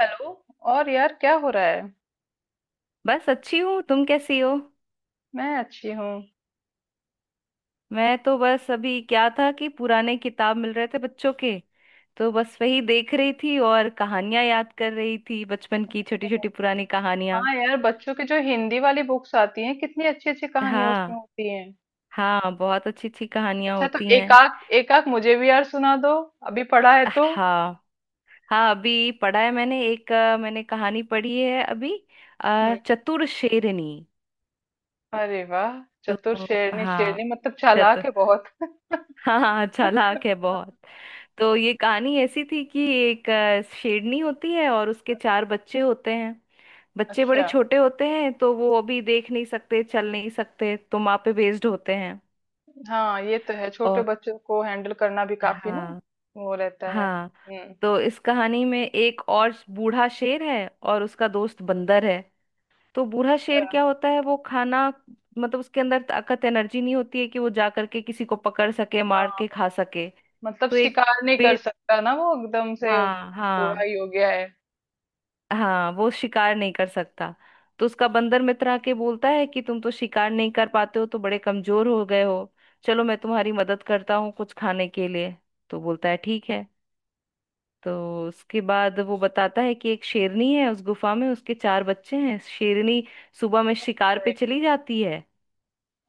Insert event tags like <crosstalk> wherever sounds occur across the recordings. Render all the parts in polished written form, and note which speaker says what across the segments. Speaker 1: Hello. और यार क्या हो रहा है।
Speaker 2: बस अच्छी हूँ। तुम कैसी हो।
Speaker 1: मैं अच्छी हूँ।
Speaker 2: मैं तो बस अभी क्या था कि पुराने किताब मिल रहे थे बच्चों के। तो बस वही देख रही थी और कहानियां याद कर रही थी बचपन की, छोटी छोटी पुरानी कहानियां।
Speaker 1: हाँ यार, बच्चों की जो हिंदी वाली बुक्स आती हैं कितनी अच्छी अच्छी कहानियां उसमें
Speaker 2: हाँ,
Speaker 1: होती हैं।
Speaker 2: हाँ बहुत अच्छी अच्छी कहानियां
Speaker 1: अच्छा, तो
Speaker 2: होती हैं।
Speaker 1: एकाक एकाक मुझे भी यार सुना दो। अभी पढ़ा है तो।
Speaker 2: हाँ, हाँ अभी पढ़ा है मैंने एक मैंने कहानी पढ़ी है अभी।
Speaker 1: हम्म।
Speaker 2: चतुर शेरनी।
Speaker 1: अरे वाह। चतुर
Speaker 2: तो
Speaker 1: शेरनी,
Speaker 2: हाँ,
Speaker 1: शेरनी मतलब चालाक है बहुत।
Speaker 2: हाँ हाँ चालाक है बहुत। तो ये कहानी ऐसी थी कि एक शेरनी होती है और उसके चार बच्चे होते हैं।
Speaker 1: <laughs>
Speaker 2: बच्चे बड़े
Speaker 1: अच्छा।
Speaker 2: छोटे होते हैं तो वो अभी देख नहीं सकते, चल नहीं सकते, तो माँ पे बेस्ड होते हैं।
Speaker 1: हाँ ये तो है, छोटे
Speaker 2: और
Speaker 1: बच्चों को हैंडल करना भी काफी ना।
Speaker 2: हाँ,
Speaker 1: वो रहता है।
Speaker 2: हाँ।
Speaker 1: हम्म।
Speaker 2: तो इस कहानी में एक और बूढ़ा शेर है और उसका दोस्त बंदर है। तो बूढ़ा शेर
Speaker 1: अच्छा।
Speaker 2: क्या होता है, वो खाना मतलब उसके अंदर ताकत एनर्जी नहीं होती है कि वो जा करके किसी को पकड़ सके, मार के
Speaker 1: हाँ,
Speaker 2: खा सके।
Speaker 1: मतलब
Speaker 2: तो एक
Speaker 1: शिकार नहीं कर
Speaker 2: पेड़,
Speaker 1: सकता ना, वो एकदम से
Speaker 2: हाँ
Speaker 1: बूढ़ा
Speaker 2: हाँ।
Speaker 1: ही हो गया है।
Speaker 2: हाँ वो शिकार नहीं कर सकता। तो उसका बंदर मित्र आके बोलता है कि तुम तो शिकार नहीं कर पाते हो तो बड़े कमजोर हो गए हो। चलो मैं तुम्हारी मदद करता हूँ कुछ खाने के लिए। तो बोलता है ठीक है। तो उसके बाद वो बताता है कि एक शेरनी है उस गुफा में, उसके चार बच्चे हैं। शेरनी सुबह में शिकार पे चली जाती है।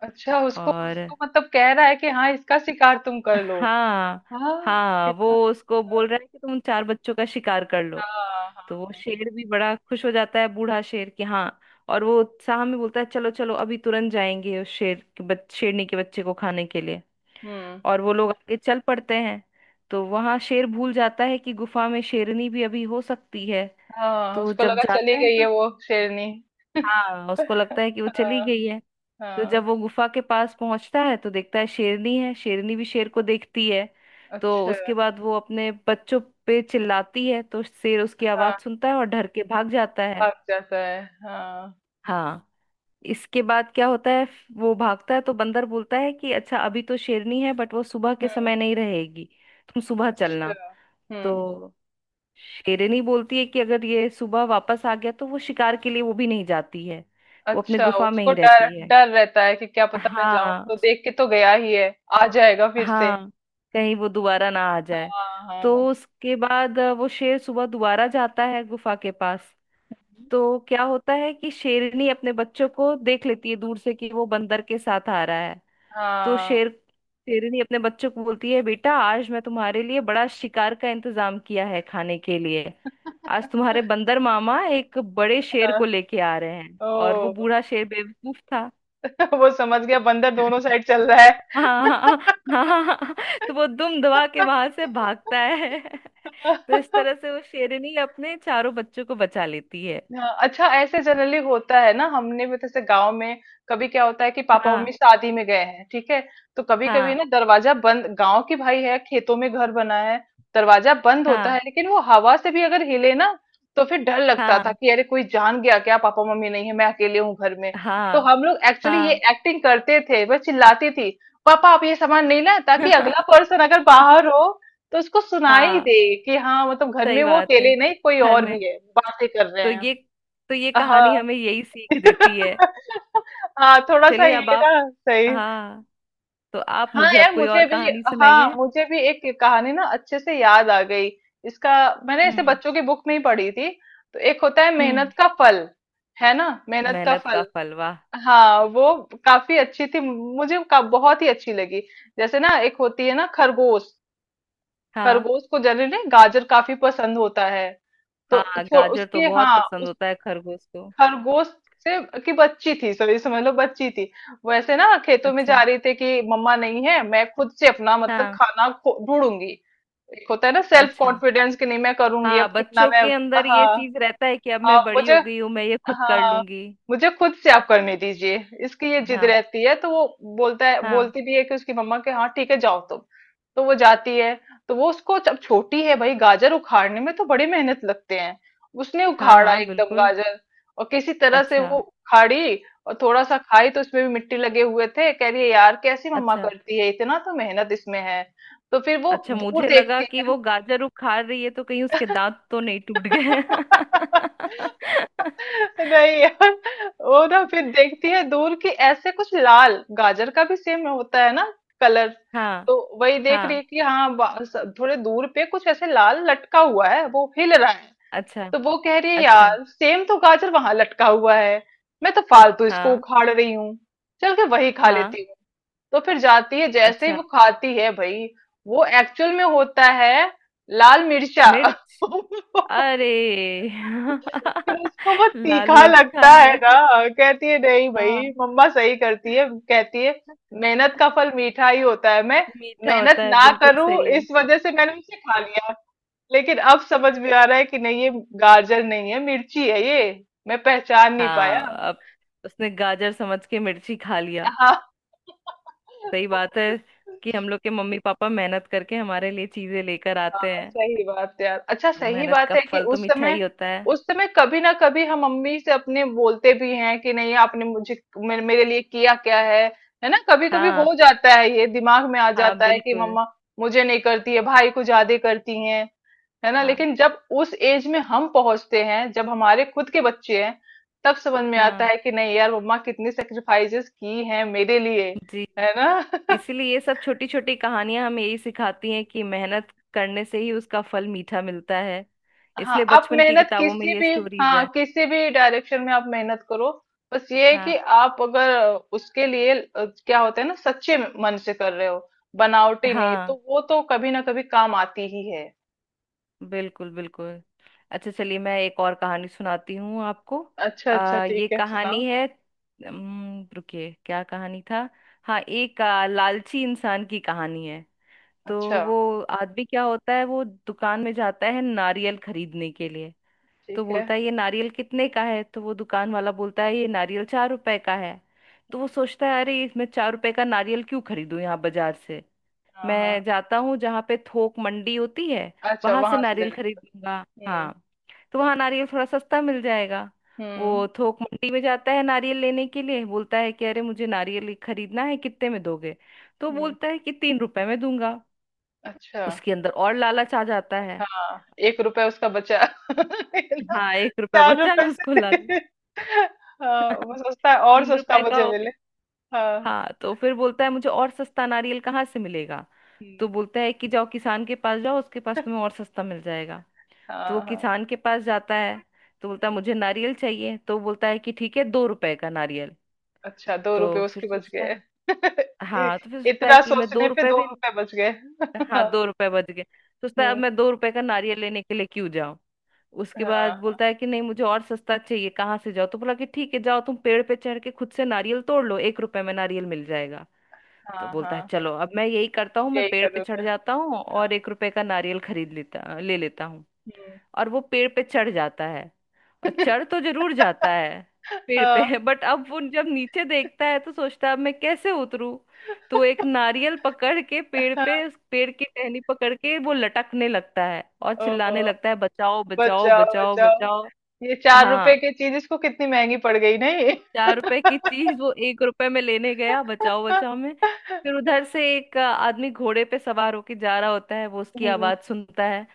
Speaker 1: अच्छा, उसको
Speaker 2: और
Speaker 1: उसको मतलब कह रहा है कि हाँ इसका शिकार तुम कर लो।
Speaker 2: हाँ,
Speaker 1: हाँ
Speaker 2: हाँ वो
Speaker 1: कितना।
Speaker 2: उसको बोल
Speaker 1: गलत।
Speaker 2: रहा है कि तुम उन चार बच्चों का शिकार कर लो।
Speaker 1: हाँ हाँ
Speaker 2: तो वो
Speaker 1: हाँ।
Speaker 2: शेर भी बड़ा खुश हो जाता है बूढ़ा शेर कि हाँ। और वो उत्साह में बोलता है चलो चलो अभी तुरंत जाएंगे उस शेरनी के बच्चे को खाने के लिए।
Speaker 1: हम्म।
Speaker 2: और वो लोग आगे चल पड़ते हैं। तो वहां शेर भूल जाता है कि गुफा में शेरनी भी अभी हो सकती है।
Speaker 1: हाँ,
Speaker 2: तो वो
Speaker 1: उसको
Speaker 2: जब
Speaker 1: लगा चली
Speaker 2: जाता है
Speaker 1: गई है
Speaker 2: तो,
Speaker 1: वो शेरनी।
Speaker 2: हाँ उसको लगता है कि वो चली
Speaker 1: हाँ।
Speaker 2: गई है। तो जब
Speaker 1: हाँ।
Speaker 2: वो गुफा के पास पहुंचता है तो देखता है शेरनी है। शेरनी भी शेर को देखती है। तो
Speaker 1: अच्छा।
Speaker 2: उसके बाद वो अपने बच्चों पे चिल्लाती है, तो शेर उसकी
Speaker 1: हाँ,
Speaker 2: आवाज सुनता है और डर के भाग जाता है।
Speaker 1: भाग जाता है। हाँ।
Speaker 2: हाँ। इसके बाद क्या होता है, वो भागता है तो बंदर बोलता है कि अच्छा अभी तो शेरनी है बट वो सुबह के
Speaker 1: हम्म।
Speaker 2: समय नहीं रहेगी, तुम सुबह
Speaker 1: अच्छा।
Speaker 2: चलना।
Speaker 1: हम्म।
Speaker 2: तो शेरनी बोलती है कि अगर ये सुबह वापस आ गया तो वो शिकार के लिए वो भी नहीं जाती है, वो अपने
Speaker 1: अच्छा,
Speaker 2: गुफा में
Speaker 1: उसको
Speaker 2: ही
Speaker 1: डर
Speaker 2: रहती है।
Speaker 1: डर रहता है कि क्या पता, मैं जाऊं
Speaker 2: हाँ
Speaker 1: तो
Speaker 2: उस-
Speaker 1: देख के तो गया ही है, आ जाएगा फिर से।
Speaker 2: हाँ, कहीं वो दोबारा ना आ जाए।
Speaker 1: हाँ
Speaker 2: तो
Speaker 1: हाँ।
Speaker 2: उसके बाद वो शेर सुबह दोबारा जाता है गुफा के पास। तो क्या होता है कि शेरनी अपने बच्चों को देख लेती है दूर से कि वो बंदर के साथ आ रहा है। तो
Speaker 1: हाँ
Speaker 2: शेर शेरनी अपने बच्चों को बोलती है बेटा आज मैं तुम्हारे लिए बड़ा शिकार का इंतजाम किया है खाने के लिए। आज तुम्हारे बंदर मामा एक बड़े शेर
Speaker 1: हाँ।
Speaker 2: को लेके आ रहे हैं, और वो
Speaker 1: ओ।
Speaker 2: बूढ़ा शेर बेवकूफ था।
Speaker 1: <laughs> वो समझ गया बंदर दोनों
Speaker 2: <laughs>
Speaker 1: साइड चल रहा है।
Speaker 2: हाँ, हाँ हाँ हाँ। तो वो दुम दबा के वहां से
Speaker 1: <laughs>
Speaker 2: भागता है। <laughs>
Speaker 1: कर
Speaker 2: तो इस
Speaker 1: दो।
Speaker 2: तरह से वो शेरनी अपने चारों बच्चों को बचा लेती है।
Speaker 1: हाँ, अच्छा ऐसे जनरली होता है ना, हमने भी जैसे गांव में कभी क्या होता है कि पापा
Speaker 2: हाँ,
Speaker 1: मम्मी शादी में गए हैं, ठीक है। तो कभी कभी
Speaker 2: हाँ
Speaker 1: ना दरवाजा बंद, गांव की भाई है, खेतों में घर बना है। दरवाजा बंद होता है
Speaker 2: हाँ,
Speaker 1: लेकिन वो हवा से भी अगर हिले ना, तो फिर डर लगता था
Speaker 2: हाँ
Speaker 1: कि अरे कोई जान गया क्या, पापा मम्मी नहीं है मैं अकेले हूँ घर में। तो
Speaker 2: हाँ
Speaker 1: हम लोग एक्चुअली ये
Speaker 2: हाँ,
Speaker 1: एक्टिंग करते थे, वह चिल्लाती थी पापा आप ये सामान नहीं लाए, ताकि अगला
Speaker 2: <laughs>
Speaker 1: पर्सन अगर बाहर हो तो उसको सुनाई
Speaker 2: हाँ
Speaker 1: दे कि हाँ मतलब घर में
Speaker 2: सही
Speaker 1: वो
Speaker 2: बात है,
Speaker 1: अकेले नहीं, कोई
Speaker 2: घर
Speaker 1: और
Speaker 2: में।
Speaker 1: भी है, बातें कर रहे
Speaker 2: तो
Speaker 1: हैं।
Speaker 2: ये, तो ये कहानी
Speaker 1: हाँ।
Speaker 2: हमें यही सीख देती है।
Speaker 1: <laughs> हाँ, थोड़ा सा
Speaker 2: चलिए अब
Speaker 1: ये
Speaker 2: आप,
Speaker 1: ना सही।
Speaker 2: हाँ तो आप
Speaker 1: हाँ
Speaker 2: मुझे अब
Speaker 1: यार
Speaker 2: कोई
Speaker 1: मुझे
Speaker 2: और
Speaker 1: भी।
Speaker 2: कहानी
Speaker 1: हाँ,
Speaker 2: सुनाइए।
Speaker 1: मुझे भी एक कहानी ना अच्छे से याद आ गई। इसका, मैंने इसे
Speaker 2: हम्म।
Speaker 1: बच्चों की बुक में ही पढ़ी थी। तो एक होता है
Speaker 2: हम्म।
Speaker 1: मेहनत का फल। है ना, मेहनत का
Speaker 2: मेहनत का
Speaker 1: फल।
Speaker 2: फल, वाह।
Speaker 1: हाँ वो काफी अच्छी थी, मुझे बहुत ही अच्छी लगी। जैसे ना एक होती है ना खरगोश।
Speaker 2: हाँ,
Speaker 1: खरगोश को जनरली गाजर काफी पसंद होता है। तो
Speaker 2: हाँ गाजर तो
Speaker 1: उसके,
Speaker 2: बहुत
Speaker 1: हाँ,
Speaker 2: पसंद होता है खरगोश को।
Speaker 1: खरगोश से की बच्ची थी, सॉरी समझ लो बच्ची थी। वैसे ना खेतों में
Speaker 2: अच्छा,
Speaker 1: जा रही थी कि मम्मा नहीं है, मैं खुद से अपना मतलब
Speaker 2: हाँ।
Speaker 1: खाना ढूंढूंगी। एक होता है ना सेल्फ
Speaker 2: अच्छा,
Speaker 1: कॉन्फिडेंस, कि नहीं मैं करूंगी, अब
Speaker 2: हाँ
Speaker 1: कितना
Speaker 2: बच्चों
Speaker 1: मैं।
Speaker 2: के अंदर ये
Speaker 1: हाँ।
Speaker 2: चीज रहता है कि अब
Speaker 1: हाँ
Speaker 2: मैं बड़ी
Speaker 1: मुझे।
Speaker 2: हो गई हूँ मैं ये खुद कर
Speaker 1: हाँ।
Speaker 2: लूंगी।
Speaker 1: मुझे खुद से आप करने दीजिए। इसकी ये जिद
Speaker 2: हाँ,
Speaker 1: रहती है तो वो बोलता है,
Speaker 2: हाँ,
Speaker 1: बोलती भी है कि उसकी मम्मा के, हाँ ठीक है जाओ तुम। तो वो जाती है। तो वो उसको, जब छोटी है भाई, गाजर उखाड़ने में तो बड़ी मेहनत लगते हैं। उसने
Speaker 2: हाँ,
Speaker 1: उखाड़ा
Speaker 2: हाँ
Speaker 1: एकदम
Speaker 2: बिल्कुल।
Speaker 1: गाजर, और किसी तरह से
Speaker 2: अच्छा,
Speaker 1: वो उखाड़ी। और थोड़ा सा खाई तो उसमें भी मिट्टी लगे हुए थे, कह रही है यार कैसी मम्मा
Speaker 2: अच्छा।
Speaker 1: करती है, इतना तो मेहनत इसमें है। तो फिर वो
Speaker 2: अच्छा
Speaker 1: दूर
Speaker 2: मुझे लगा
Speaker 1: देखती
Speaker 2: कि
Speaker 1: है।
Speaker 2: वो गाजर उखाड़ रही है तो कहीं उसके दांत तो नहीं टूट गए। <laughs>
Speaker 1: <laughs> नहीं यार, वो ना फिर देखती है दूर की ऐसे कुछ लाल, गाजर का भी सेम होता है ना कलर।
Speaker 2: हाँ,
Speaker 1: तो वही देख रही
Speaker 2: हाँ।
Speaker 1: है कि हाँ थोड़े दूर पे कुछ ऐसे लाल लटका हुआ है, वो हिल रहा है।
Speaker 2: अच्छा,
Speaker 1: तो वो कह रही है
Speaker 2: अच्छा।
Speaker 1: यार सेम तो गाजर वहां लटका हुआ है। मैं तो फालतू इसको
Speaker 2: हाँ,
Speaker 1: उखाड़ रही हूँ, चल के वही खा
Speaker 2: हाँ।
Speaker 1: लेती हूँ। तो फिर जाती है, जैसे ही
Speaker 2: अच्छा
Speaker 1: वो खाती है भाई, वो एक्चुअल में होता है लाल मिर्चा।
Speaker 2: मिर्च,
Speaker 1: <laughs>
Speaker 2: अरे,
Speaker 1: फिर उसको वो
Speaker 2: <laughs> लाल
Speaker 1: तीखा
Speaker 2: मिर्च खा
Speaker 1: लगता है
Speaker 2: लिया।
Speaker 1: ना। कहती है नहीं भाई
Speaker 2: हाँ
Speaker 1: मम्मा सही करती है, कहती है मेहनत का फल मीठा ही होता है। मैं
Speaker 2: मीठा
Speaker 1: मेहनत
Speaker 2: होता है,
Speaker 1: ना
Speaker 2: बिल्कुल
Speaker 1: करूं
Speaker 2: सही है।
Speaker 1: इस वजह से मैंने उसे खा लिया, लेकिन अब समझ में आ रहा है कि नहीं, ये गाजर नहीं है, मिर्ची है ये, मैं पहचान नहीं पाया।
Speaker 2: हाँ, अब उसने गाजर समझ के मिर्ची खा लिया।
Speaker 1: हाँ। <laughs>
Speaker 2: सही बात है कि हम लोग के मम्मी पापा मेहनत करके हमारे लिए चीजें लेकर आते
Speaker 1: हाँ,
Speaker 2: हैं।
Speaker 1: सही बात है यार। अच्छा
Speaker 2: तो
Speaker 1: सही
Speaker 2: मेहनत
Speaker 1: बात
Speaker 2: का
Speaker 1: है कि
Speaker 2: फल तो
Speaker 1: उस
Speaker 2: मीठा
Speaker 1: समय,
Speaker 2: ही होता है।
Speaker 1: उस समय कभी ना कभी हम मम्मी से अपने बोलते भी हैं कि नहीं आपने मुझे, मेरे लिए किया क्या है। है ना, कभी कभी
Speaker 2: हाँ,
Speaker 1: हो जाता है, ये दिमाग में आ
Speaker 2: हाँ
Speaker 1: जाता है कि
Speaker 2: बिल्कुल।
Speaker 1: मम्मा मुझे नहीं करती है, भाई को ज्यादा करती हैं। है ना,
Speaker 2: हाँ,
Speaker 1: लेकिन जब उस एज में हम पहुंचते हैं जब हमारे खुद के बच्चे हैं, तब समझ में आता
Speaker 2: हाँ
Speaker 1: है कि नहीं यार मम्मा कितनी सेक्रीफाइसेस की हैं मेरे लिए।
Speaker 2: जी।
Speaker 1: है ना।
Speaker 2: इसीलिए ये सब छोटी छोटी कहानियां हमें यही सिखाती हैं कि मेहनत करने से ही उसका फल मीठा मिलता है।
Speaker 1: हाँ,
Speaker 2: इसलिए
Speaker 1: आप
Speaker 2: बचपन की
Speaker 1: मेहनत
Speaker 2: किताबों में
Speaker 1: किसी
Speaker 2: ये
Speaker 1: भी,
Speaker 2: स्टोरीज
Speaker 1: हाँ
Speaker 2: हैं।
Speaker 1: किसी भी डायरेक्शन में आप मेहनत करो, बस ये है कि
Speaker 2: हाँ,
Speaker 1: आप अगर उसके लिए क्या होता है ना, सच्चे मन से कर रहे हो, बनावटी नहीं,
Speaker 2: हाँ
Speaker 1: तो वो तो कभी ना कभी काम आती ही है।
Speaker 2: बिल्कुल बिल्कुल। अच्छा चलिए मैं एक और कहानी सुनाती हूँ आपको।
Speaker 1: अच्छा अच्छा ठीक
Speaker 2: ये
Speaker 1: है, सुनाओ।
Speaker 2: कहानी है, रुकिए क्या कहानी था। हाँ एक लालची इंसान की कहानी है। तो
Speaker 1: अच्छा।
Speaker 2: वो आदमी क्या होता है, वो दुकान में जाता है नारियल खरीदने के लिए। तो
Speaker 1: ठीक है।
Speaker 2: बोलता है ये नारियल कितने का है, तो वो दुकान वाला बोलता है ये नारियल चार रुपए का है। तो वो सोचता है अरे इसमें चार रुपए का नारियल क्यों खरीदूं यहाँ बाजार से,
Speaker 1: हाँ हाँ।
Speaker 2: मैं जाता हूँ जहाँ पे थोक मंडी होती है।
Speaker 1: अच्छा,
Speaker 2: वहां से
Speaker 1: वहां से ले
Speaker 2: नारियल
Speaker 1: लो।
Speaker 2: खरीदूंगा।
Speaker 1: हम्म।
Speaker 2: हाँ तो वहां नारियल थोड़ा सस्ता मिल जाएगा।
Speaker 1: हम्म।
Speaker 2: वो थोक मंडी में जाता है नारियल लेने के लिए, बोलता है कि अरे मुझे नारियल खरीदना है कितने में दोगे। तो
Speaker 1: हम्म।
Speaker 2: बोलता है कि तीन रुपए में दूंगा।
Speaker 1: अच्छा।
Speaker 2: उसके अंदर और लालच आ जाता है।
Speaker 1: हाँ, एक रुपया उसका बचा <laughs> है ना,
Speaker 2: हाँ एक रुपया
Speaker 1: चार
Speaker 2: बचा,
Speaker 1: रुपए
Speaker 2: उसको लालच,
Speaker 1: से। <laughs> हाँ, वो सस्ता और
Speaker 2: तीन
Speaker 1: सस्ता
Speaker 2: रुपए का
Speaker 1: मुझे
Speaker 2: हो गया।
Speaker 1: मिले। हाँ।
Speaker 2: हाँ तो फिर बोलता है मुझे और सस्ता नारियल कहाँ से मिलेगा। तो
Speaker 1: हम्म।
Speaker 2: बोलता है कि जाओ किसान के पास जाओ, उसके पास तुम्हें और सस्ता मिल जाएगा। तो वो
Speaker 1: हाँ हाँ।
Speaker 2: किसान के पास जाता है। तो बोलता है
Speaker 1: हम्म,
Speaker 2: मुझे नारियल चाहिए, तो बोलता है कि ठीक है दो रुपए का नारियल।
Speaker 1: अच्छा दो
Speaker 2: तो
Speaker 1: रुपए
Speaker 2: फिर
Speaker 1: उसके बच
Speaker 2: सोचता
Speaker 1: गए।
Speaker 2: है,
Speaker 1: <laughs> इ-
Speaker 2: हाँ तो फिर सोचता है
Speaker 1: इतना
Speaker 2: कि मैं
Speaker 1: सोचने
Speaker 2: दो
Speaker 1: पे
Speaker 2: रुपए
Speaker 1: दो
Speaker 2: भी,
Speaker 1: रुपए बच गए।
Speaker 2: <laughs>
Speaker 1: <laughs> हाँ।
Speaker 2: हाँ दो रुपए बच गए। सोचता है अब
Speaker 1: हम्म।
Speaker 2: मैं दो रुपए का नारियल लेने के लिए क्यों जाऊं। उसके बाद
Speaker 1: हाँ।
Speaker 2: बोलता है कि नहीं मुझे और सस्ता चाहिए कहाँ से जाओ, तो बोला कि ठीक है जाओ तुम पेड़ पे चढ़ के खुद से नारियल तोड़ लो, एक रुपए में नारियल मिल जाएगा। तो
Speaker 1: हाँ।
Speaker 2: बोलता है
Speaker 1: हाँ
Speaker 2: चलो अब मैं यही करता हूँ, मैं
Speaker 1: यही
Speaker 2: पेड़ पे
Speaker 1: करोगे।
Speaker 2: चढ़ जाता हूँ
Speaker 1: हाँ।
Speaker 2: और एक रुपए का नारियल खरीद लेता ले लेता हूँ।
Speaker 1: हम्म।
Speaker 2: और वो पेड़ पे चढ़ जाता है। और चढ़ तो जरूर जाता है पेड़ पे,
Speaker 1: हाँ।
Speaker 2: <laughs> बट अब वो जब नीचे देखता है तो सोचता है अब मैं कैसे उतरूं। तो वो एक नारियल पकड़ के पेड़ पे,
Speaker 1: हाँ,
Speaker 2: उस पेड़ की टहनी पकड़ के वो लटकने लगता है और
Speaker 1: ओ,
Speaker 2: चिल्लाने लगता है बचाओ बचाओ
Speaker 1: बचाओ
Speaker 2: बचाओ
Speaker 1: बचाओ,
Speaker 2: बचाओ।
Speaker 1: ये चार रुपए
Speaker 2: हाँ,
Speaker 1: की चीज इसको कितनी महंगी पड़ गई नहीं।
Speaker 2: चार रुपए की चीज वो एक रुपए में लेने गया बचाओ बचाओ में। फिर
Speaker 1: <laughs>
Speaker 2: उधर से एक आदमी घोड़े पे सवार होके जा रहा होता है, वो उसकी
Speaker 1: हम्म।
Speaker 2: आवाज सुनता है।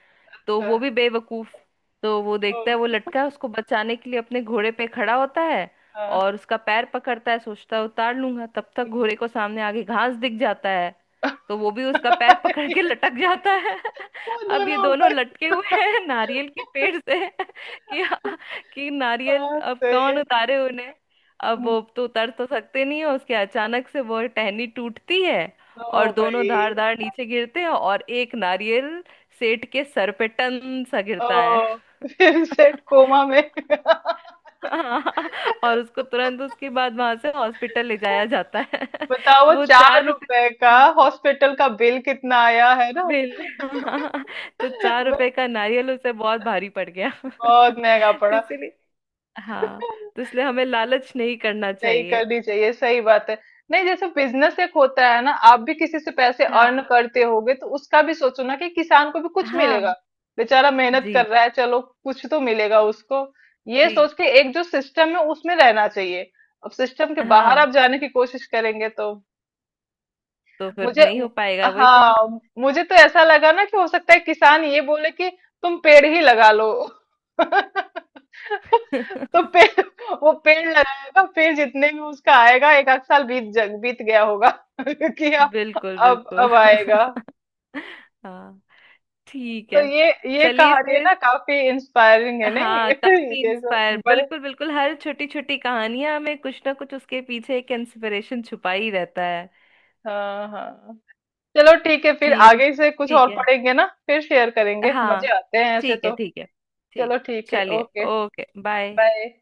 Speaker 2: तो
Speaker 1: अच्छा।
Speaker 2: वो भी बेवकूफ, तो वो
Speaker 1: ओ।
Speaker 2: देखता है वो लटका है, उसको बचाने के लिए अपने घोड़े पे खड़ा होता है
Speaker 1: हाँ।
Speaker 2: और उसका पैर पकड़ता है, सोचता है उतार लूंगा, तब तक
Speaker 1: हम्म।
Speaker 2: घोड़े को सामने आगे घास दिख जाता है। तो वो भी उसका पैर पकड़ के
Speaker 1: <laughs>
Speaker 2: लटक जाता है।
Speaker 1: वो
Speaker 2: <laughs> अब ये
Speaker 1: दोनों
Speaker 2: दोनों
Speaker 1: ऊपर।
Speaker 2: लटके हुए हैं नारियल के पेड़ से,
Speaker 1: <laughs>
Speaker 2: <laughs> कि हाँ, कि नारियल
Speaker 1: हाँ
Speaker 2: अब
Speaker 1: सही
Speaker 2: कौन
Speaker 1: है।
Speaker 2: उतारे उन्हें। अब
Speaker 1: हम्म,
Speaker 2: वो तो उतर तो सकते नहीं है, उसके अचानक से वो टहनी टूटती है और
Speaker 1: ओ भाई।
Speaker 2: दोनों धार धार नीचे गिरते हैं और एक नारियल सेठ के सर पे टन सा गिरता है।
Speaker 1: ओह! <laughs> फिर सेठ
Speaker 2: <laughs>
Speaker 1: कोमा में। <laughs>
Speaker 2: और उसको तुरंत उसके बाद वहां से हॉस्पिटल ले जाया जाता है। <laughs>
Speaker 1: बताओ
Speaker 2: तो वो
Speaker 1: 4
Speaker 2: चार रुपए
Speaker 1: रुपए का हॉस्पिटल का बिल कितना आया है ना।
Speaker 2: बिल, <laughs> तो
Speaker 1: <laughs>
Speaker 2: चार
Speaker 1: वही,
Speaker 2: रुपए का नारियल उसे बहुत भारी पड़ गया। <laughs>
Speaker 1: बहुत महंगा
Speaker 2: तो
Speaker 1: पड़ा।
Speaker 2: इसलिए, हाँ तो इसलिए हमें लालच नहीं करना
Speaker 1: नहीं
Speaker 2: चाहिए।
Speaker 1: करनी चाहिए, सही बात है। नहीं, जैसे बिजनेस एक होता है ना, आप भी किसी से पैसे अर्न
Speaker 2: हाँ,
Speaker 1: करते होगे तो उसका भी सोचो ना कि किसान को भी कुछ मिलेगा।
Speaker 2: हाँ
Speaker 1: बेचारा मेहनत कर
Speaker 2: जी,
Speaker 1: रहा है, चलो कुछ तो मिलेगा उसको। ये
Speaker 2: जी,
Speaker 1: सोच के एक जो सिस्टम है उसमें रहना चाहिए। अब सिस्टम के बाहर
Speaker 2: हाँ
Speaker 1: आप जाने की कोशिश करेंगे तो,
Speaker 2: तो फिर
Speaker 1: मुझे,
Speaker 2: नहीं हो पाएगा वही करें।
Speaker 1: हाँ, मुझे तो ऐसा लगा ना कि हो सकता है किसान ये बोले कि तुम पेड़ ही लगा लो। <laughs> तो
Speaker 2: <laughs>
Speaker 1: पेड़, वो पेड़ लगाएगा, पेड़ जितने भी उसका आएगा एक आध साल बीत जग बीत गया होगा। <laughs> कि अब,
Speaker 2: बिल्कुल बिल्कुल।
Speaker 1: आएगा।
Speaker 2: <laughs> हाँ ठीक
Speaker 1: तो
Speaker 2: है।
Speaker 1: ये
Speaker 2: चलिए
Speaker 1: कहानी है
Speaker 2: फिर,
Speaker 1: ना काफी इंस्पायरिंग है नहीं।
Speaker 2: हाँ
Speaker 1: <laughs>
Speaker 2: काफी
Speaker 1: ये
Speaker 2: इंस्पायर
Speaker 1: सब बड़े,
Speaker 2: बिल्कुल बिल्कुल, हर छोटी छोटी कहानियां में कुछ ना कुछ उसके पीछे एक इंस्पिरेशन छुपा ही रहता है।
Speaker 1: हाँ हाँ। चलो ठीक है फिर
Speaker 2: ठीक है,
Speaker 1: आगे से कुछ और
Speaker 2: ठीक है,
Speaker 1: पढ़ेंगे ना फिर शेयर करेंगे, मजे
Speaker 2: हाँ,
Speaker 1: आते हैं ऐसे
Speaker 2: ठीक है,
Speaker 1: तो।
Speaker 2: ठीक है, ठीक।
Speaker 1: चलो ठीक है,
Speaker 2: चलिए
Speaker 1: ओके
Speaker 2: ओके बाय।
Speaker 1: बाय।